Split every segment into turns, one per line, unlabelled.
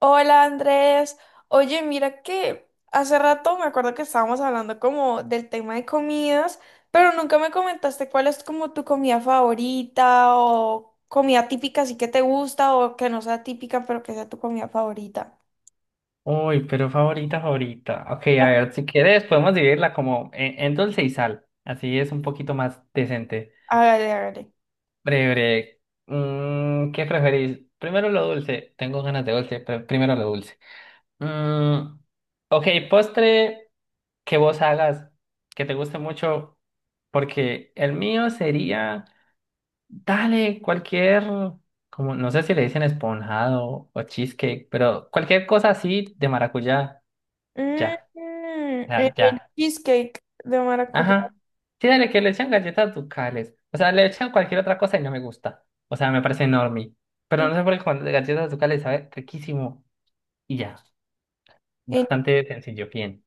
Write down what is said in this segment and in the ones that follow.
Hola Andrés, oye mira que hace rato me acuerdo que estábamos hablando como del tema de comidas, pero nunca me comentaste cuál es como tu comida favorita o comida típica sí que te gusta o que no sea típica pero que sea tu comida favorita.
Uy, pero favorita, favorita. Ok,
Ah,
a ver, si quieres podemos dividirla como en dulce y sal. Así es un poquito más decente.
hágale, hágale.
Breve, ¿qué preferís? Primero lo dulce. Tengo ganas de dulce, pero primero lo dulce. Mm, ok, postre que vos hagas, que te guste mucho, porque el mío sería, dale, cualquier, como, no sé si le dicen esponjado o cheesecake, pero cualquier cosa así de maracuyá, ya,
Mm,
ya,
el
ya.
cheesecake de maracuyá.
Ajá. Sí, dale, que le echan galletas ducales. O sea, le echan cualquier otra cosa y no me gusta. O sea, me parece enorme.
Mm.
Pero no sé por qué con galletas ducales sabe riquísimo. Y ya.
En-
Bastante sencillo, bien.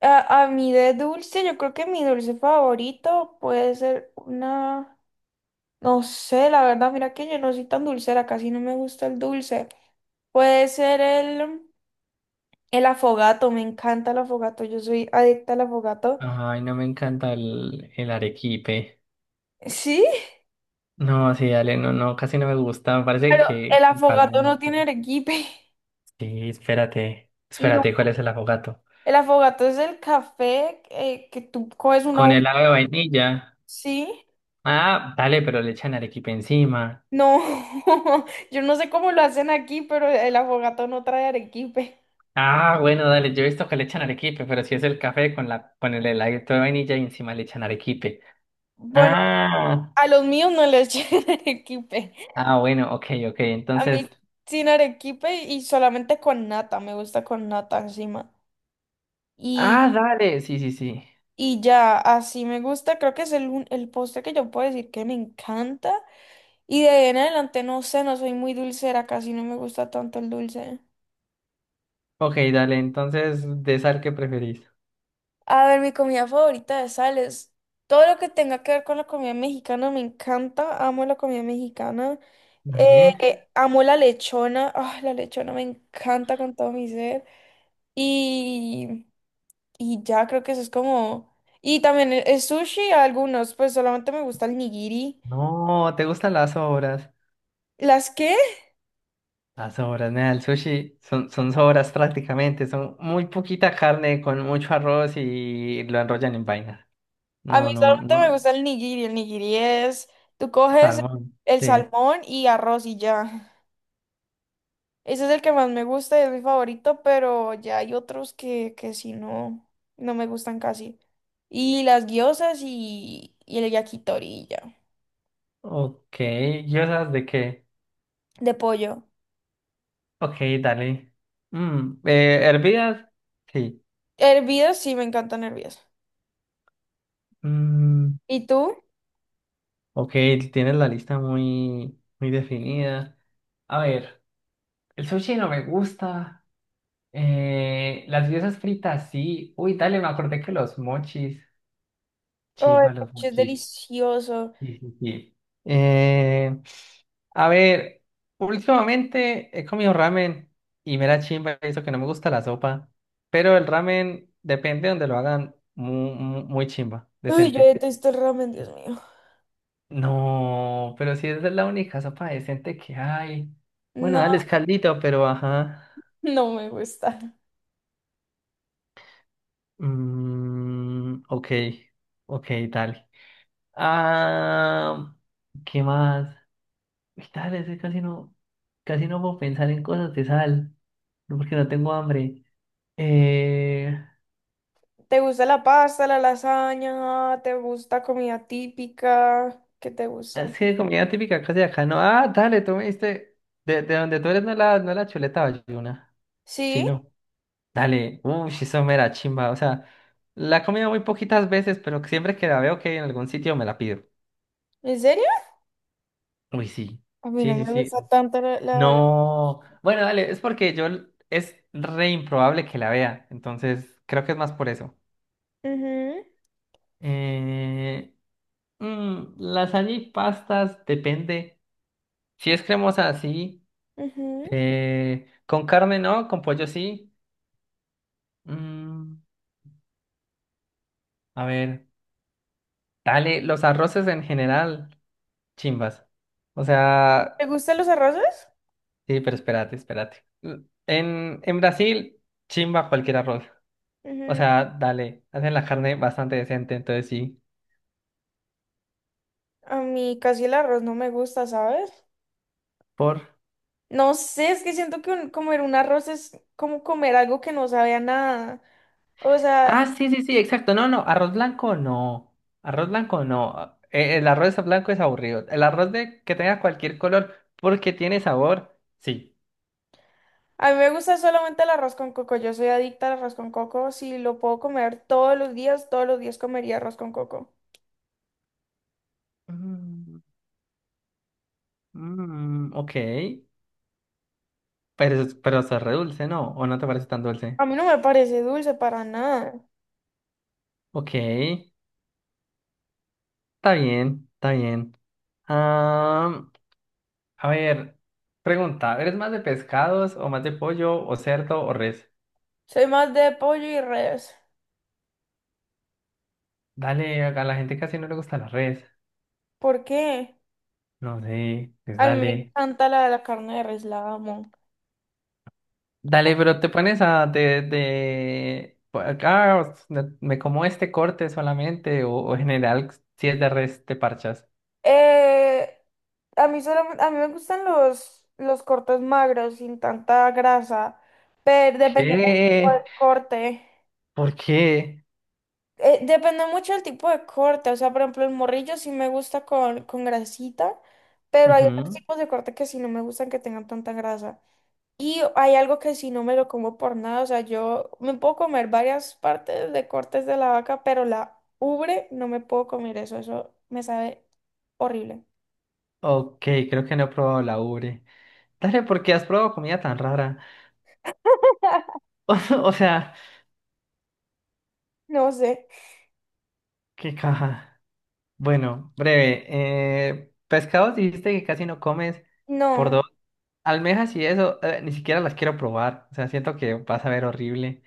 a mí de dulce, yo creo que mi dulce favorito puede ser una... No sé, la verdad, mira que yo no soy tan dulcera, casi no me gusta el dulce. Puede ser el afogato, me encanta el afogato, yo soy adicta al afogato.
Ay, no me encanta el arequipe.
Sí,
No, sí, dale, no, no, casi no me gusta. Me parece
pero el
que para no
afogato no tiene
mucho.
arequipe.
Sí, espérate.
No,
Espérate, ¿cuál es el afogato?
el afogato es el café que tú coges una...
Con helado de vainilla.
Sí,
Ah, dale, pero le echan arequipe encima.
no, yo no sé cómo lo hacen aquí, pero el afogato no trae arequipe.
Ah, bueno, dale, yo he visto que le echan arequipe, pero si es el café con la, con el heladito de vainilla y encima le echan arequipe.
Bueno,
Ah,
a los míos no les llega arequipe.
ah, bueno, ok, ok,
A mí
entonces,
sin arequipe y solamente con nata, me gusta con nata encima. Y,
ah, dale, sí, sí, sí.
y ya, así me gusta, creo que es el postre que yo puedo decir que me encanta. Y de ahí en adelante, no sé, no soy muy dulcera, casi no me gusta tanto el dulce.
Ok, dale, entonces, ¿de sal qué preferís?
A ver, mi comida favorita de sal es todo lo que tenga que ver con la comida mexicana, me encanta, amo la comida mexicana.
Dale.
Amo la lechona, ah, la lechona me encanta con todo mi ser. Y... Y ya creo que eso es como... Y también el sushi, algunos, pues solamente me gusta el nigiri.
No, ¿te gustan las sobras?
¿Las qué?
Las sobras, nada, el sushi son sobras prácticamente, son muy poquita carne con mucho arroz y lo enrollan en vaina.
A mí
No, no,
solamente me
no,
gusta el nigiri. El nigiri es, tú coges
salmón,
el
sí.
salmón y arroz y ya. Ese es el que más me gusta y es mi favorito, pero ya hay otros que sí no, no me gustan casi. Y las gyozas y el yakitori y ya.
Ok, ¿y esas de qué?
De pollo.
Ok, dale. Mm, ¿hervidas? Sí.
Hervidas, sí, me encantan hervidas.
Mm,
¿Y tú?
ok, tienes la lista muy, muy definida. A ver, el sushi no me gusta. Las guisas fritas sí. Uy, dale, me acordé que los mochis.
Oh, el
Chimba, los
sushi es
mochis.
delicioso.
Sí, sí, sí. Eh, a ver, últimamente he comido ramen y me da chimba eso que no me gusta la sopa, pero el ramen depende donde lo hagan muy, chimba,
Uy, yo
decente.
detesto el ramen, Dios mío.
No, pero si esa es la única sopa decente que hay. Bueno,
No,
dale escaldito, pero ajá.
no me gusta.
Mm, ok, ok, dale. Ah, ¿qué más? Uy, dale, es que casi no puedo pensar en cosas de sal, no, porque no tengo hambre. Eh,
¿Te gusta la pasta, la lasaña? ¿Te gusta comida típica? ¿Qué te gusta?
es que comida típica casi de acá, no. Ah, dale, tú me diste. De donde tú eres no la, no la chuleta valluna. Sí,
¿Sí?
no. Dale, uy, eso me da chimba. O sea, la he comido muy poquitas veces, pero siempre que la veo que hay en algún sitio me la pido.
¿En serio?
Uy, sí.
A mí no
Sí, sí,
me
sí.
gusta tanto la...
No. Bueno, dale, es porque yo es re improbable que la vea. Entonces, creo que es más por eso. Eh, lasaña y pastas, depende. Si es cremosa, sí.
Ujú, ujú.
Con carne, no. Con pollo, sí. Mm, a ver, dale. Los arroces en general, chimbas. O
¿Te
sea,
gustan los arroces?
sí, pero espérate, espérate. En Brasil, chimba cualquier arroz. O
Ujú.
sea, dale. Hacen la carne bastante decente, entonces sí.
A mí casi el arroz no me gusta, ¿sabes?
Por.
No sé, es que siento que comer un arroz es como comer algo que no sabe a nada. O sea,
Ah, sí, sí, sí, exacto. No, no, arroz blanco no. Arroz blanco no. El arroz blanco es aburrido. El arroz de que tenga cualquier color porque tiene sabor, sí.
a mí me gusta solamente el arroz con coco. Yo soy adicta al arroz con coco. Si lo puedo comer todos los días comería arroz con coco.
Mm, mm, ok. Pero, pero se re dulce, ¿no? ¿O no te parece tan dulce?
A mí no me parece dulce para nada.
Ok. Está bien, está bien. Ah, a ver, pregunta, ¿eres más de pescados o más de pollo o cerdo o res?
Soy más de pollo y res.
Dale, a la gente casi no le gusta la res.
¿Por qué?
No sé, pues
A mí me
dale.
encanta la carne de res, la amo.
Dale, pero te pones a de por acá o me como este corte solamente o en general si es de res te parchas.
Eh, a mí solamente, a mí me gustan los cortes magros, sin tanta grasa, pero dependiendo del tipo de
¿Qué?
corte.
¿Por qué?
Depende mucho del tipo de corte, o sea, por ejemplo, el morrillo sí me gusta con grasita, pero hay otros
Ujú.
tipos de corte que sí no me gustan que tengan tanta grasa. Y hay algo que sí no me lo como por nada, o sea, yo me puedo comer varias partes de cortes de la vaca, pero la ubre no me puedo comer eso, eso me sabe horrible.
Ok, creo que no he probado la ubre. Dale, ¿por qué has probado comida tan rara? O sea,
No sé,
qué caja. Bueno, breve. Pescados dijiste que casi no comes por
no,
dos. Almejas y eso, ni siquiera las quiero probar. O sea, siento que vas a ver horrible.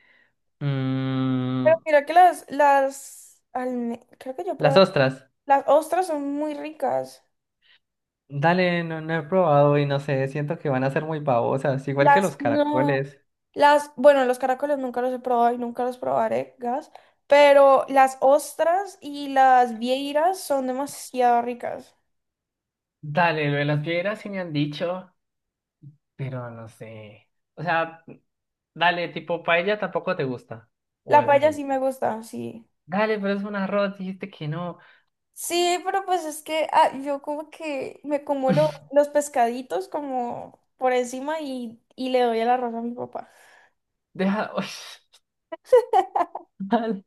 Mm,
pero mira que creo que yo
las
probé,
ostras.
las ostras son muy ricas,
Dale, no, no he probado y no sé, siento que van a ser muy babosas, igual
las
que los
no.
caracoles.
Las, bueno, los caracoles nunca los he probado y nunca los probaré, gas, pero las ostras y las vieiras son demasiado ricas.
Dale, lo de las piedras sí me han dicho, pero no sé. O sea, dale, tipo paella tampoco te gusta. O
La
eso
paella sí
sí.
me gusta, sí.
Dale, pero es un arroz, dijiste que no.
Sí, pero pues es que ah, yo como que me como los pescaditos como por encima y le doy el arroz a mi papá.
Deja. Uy, dale.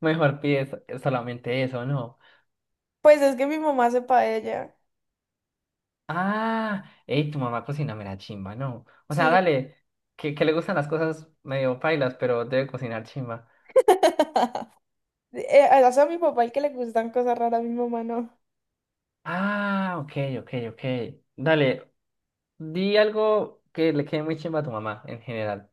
Mejor pides solamente eso, ¿no?
Pues es que mi mamá hace paella,
Ah, ey, tu mamá cocina mera chimba, ¿no? O sea,
sí.
dale, que le gustan las cosas medio pailas, pero debe cocinar chimba.
Hace a mi papá el que le gustan cosas raras, a mi mamá no.
Ah, ok, ok, ok. Dale, di algo que le quede muy chimba a tu mamá en general.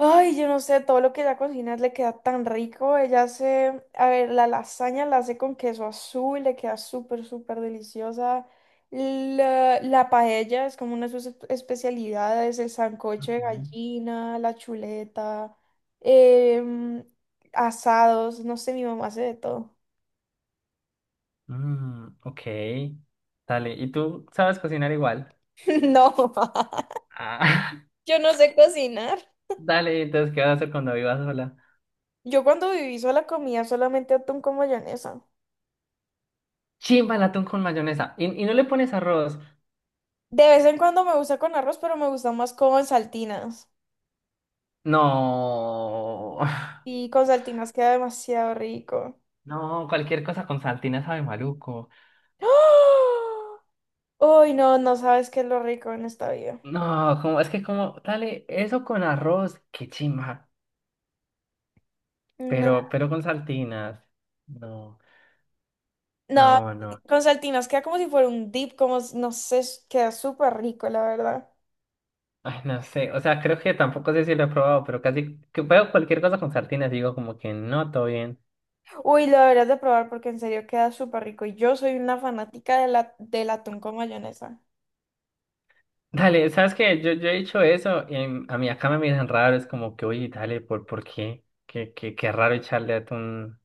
Ay, yo no sé, todo lo que ella cocina le queda tan rico. Ella hace, a ver, la lasaña la hace con queso azul, le queda súper, súper deliciosa. La paella es como una de sus especialidades, el sancocho de
Ujú.
gallina, la chuleta, em, asados, no sé, mi mamá hace de todo.
Mm, ok. Dale, ¿y tú sabes cocinar igual?
No, mamá,
Ah,
yo no sé cocinar.
dale, entonces, ¿qué vas a hacer cuando vivas sola?
Yo cuando viví sola comía solamente atún con mayonesa.
Chimba el atún con mayonesa. Y no le pones arroz?
De vez en cuando me gusta con arroz, pero me gusta más con saltinas.
No.
Y con saltinas queda demasiado rico.
No, cualquier cosa con saltina sabe maluco.
¡Ah! Uy, no, no sabes qué es lo rico en esta vida.
No, como, es que como, dale, eso con arroz, qué chimba.
No,
Pero con saltinas. No.
no,
No, no.
con saltinas queda como si fuera un dip, no sé, queda súper rico, la verdad.
Ay, no sé, o sea, creo que tampoco sé si lo he probado, pero casi que veo cualquier cosa con sardinas, digo como que no, todo bien.
Uy, lo deberías de probar porque en serio queda súper rico. Y yo soy una fanática de del atún con mayonesa.
Dale, ¿sabes qué? Yo he dicho eso y a mí acá me miran raro, es como que, oye, dale, ¿por qué? Qué, qué, qué raro echarle atún.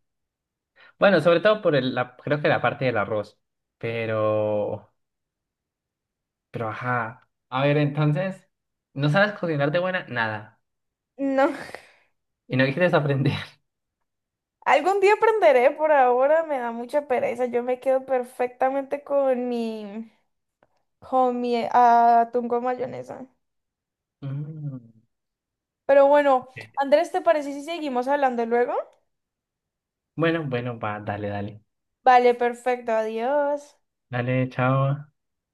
Bueno, sobre todo por la, creo que la parte del arroz, pero, pero ajá. A ver, entonces, ¿no sabes cocinar de buena? Nada.
No,
¿Y no quieres aprender?
algún día aprenderé, por ahora me da mucha pereza. Yo me quedo perfectamente con mi atún con mayonesa.
Mm,
Pero bueno,
ok.
Andrés, ¿te parece si seguimos hablando luego?
Bueno, bueno, va, dale, dale.
Vale, perfecto, adiós.
Dale, chao.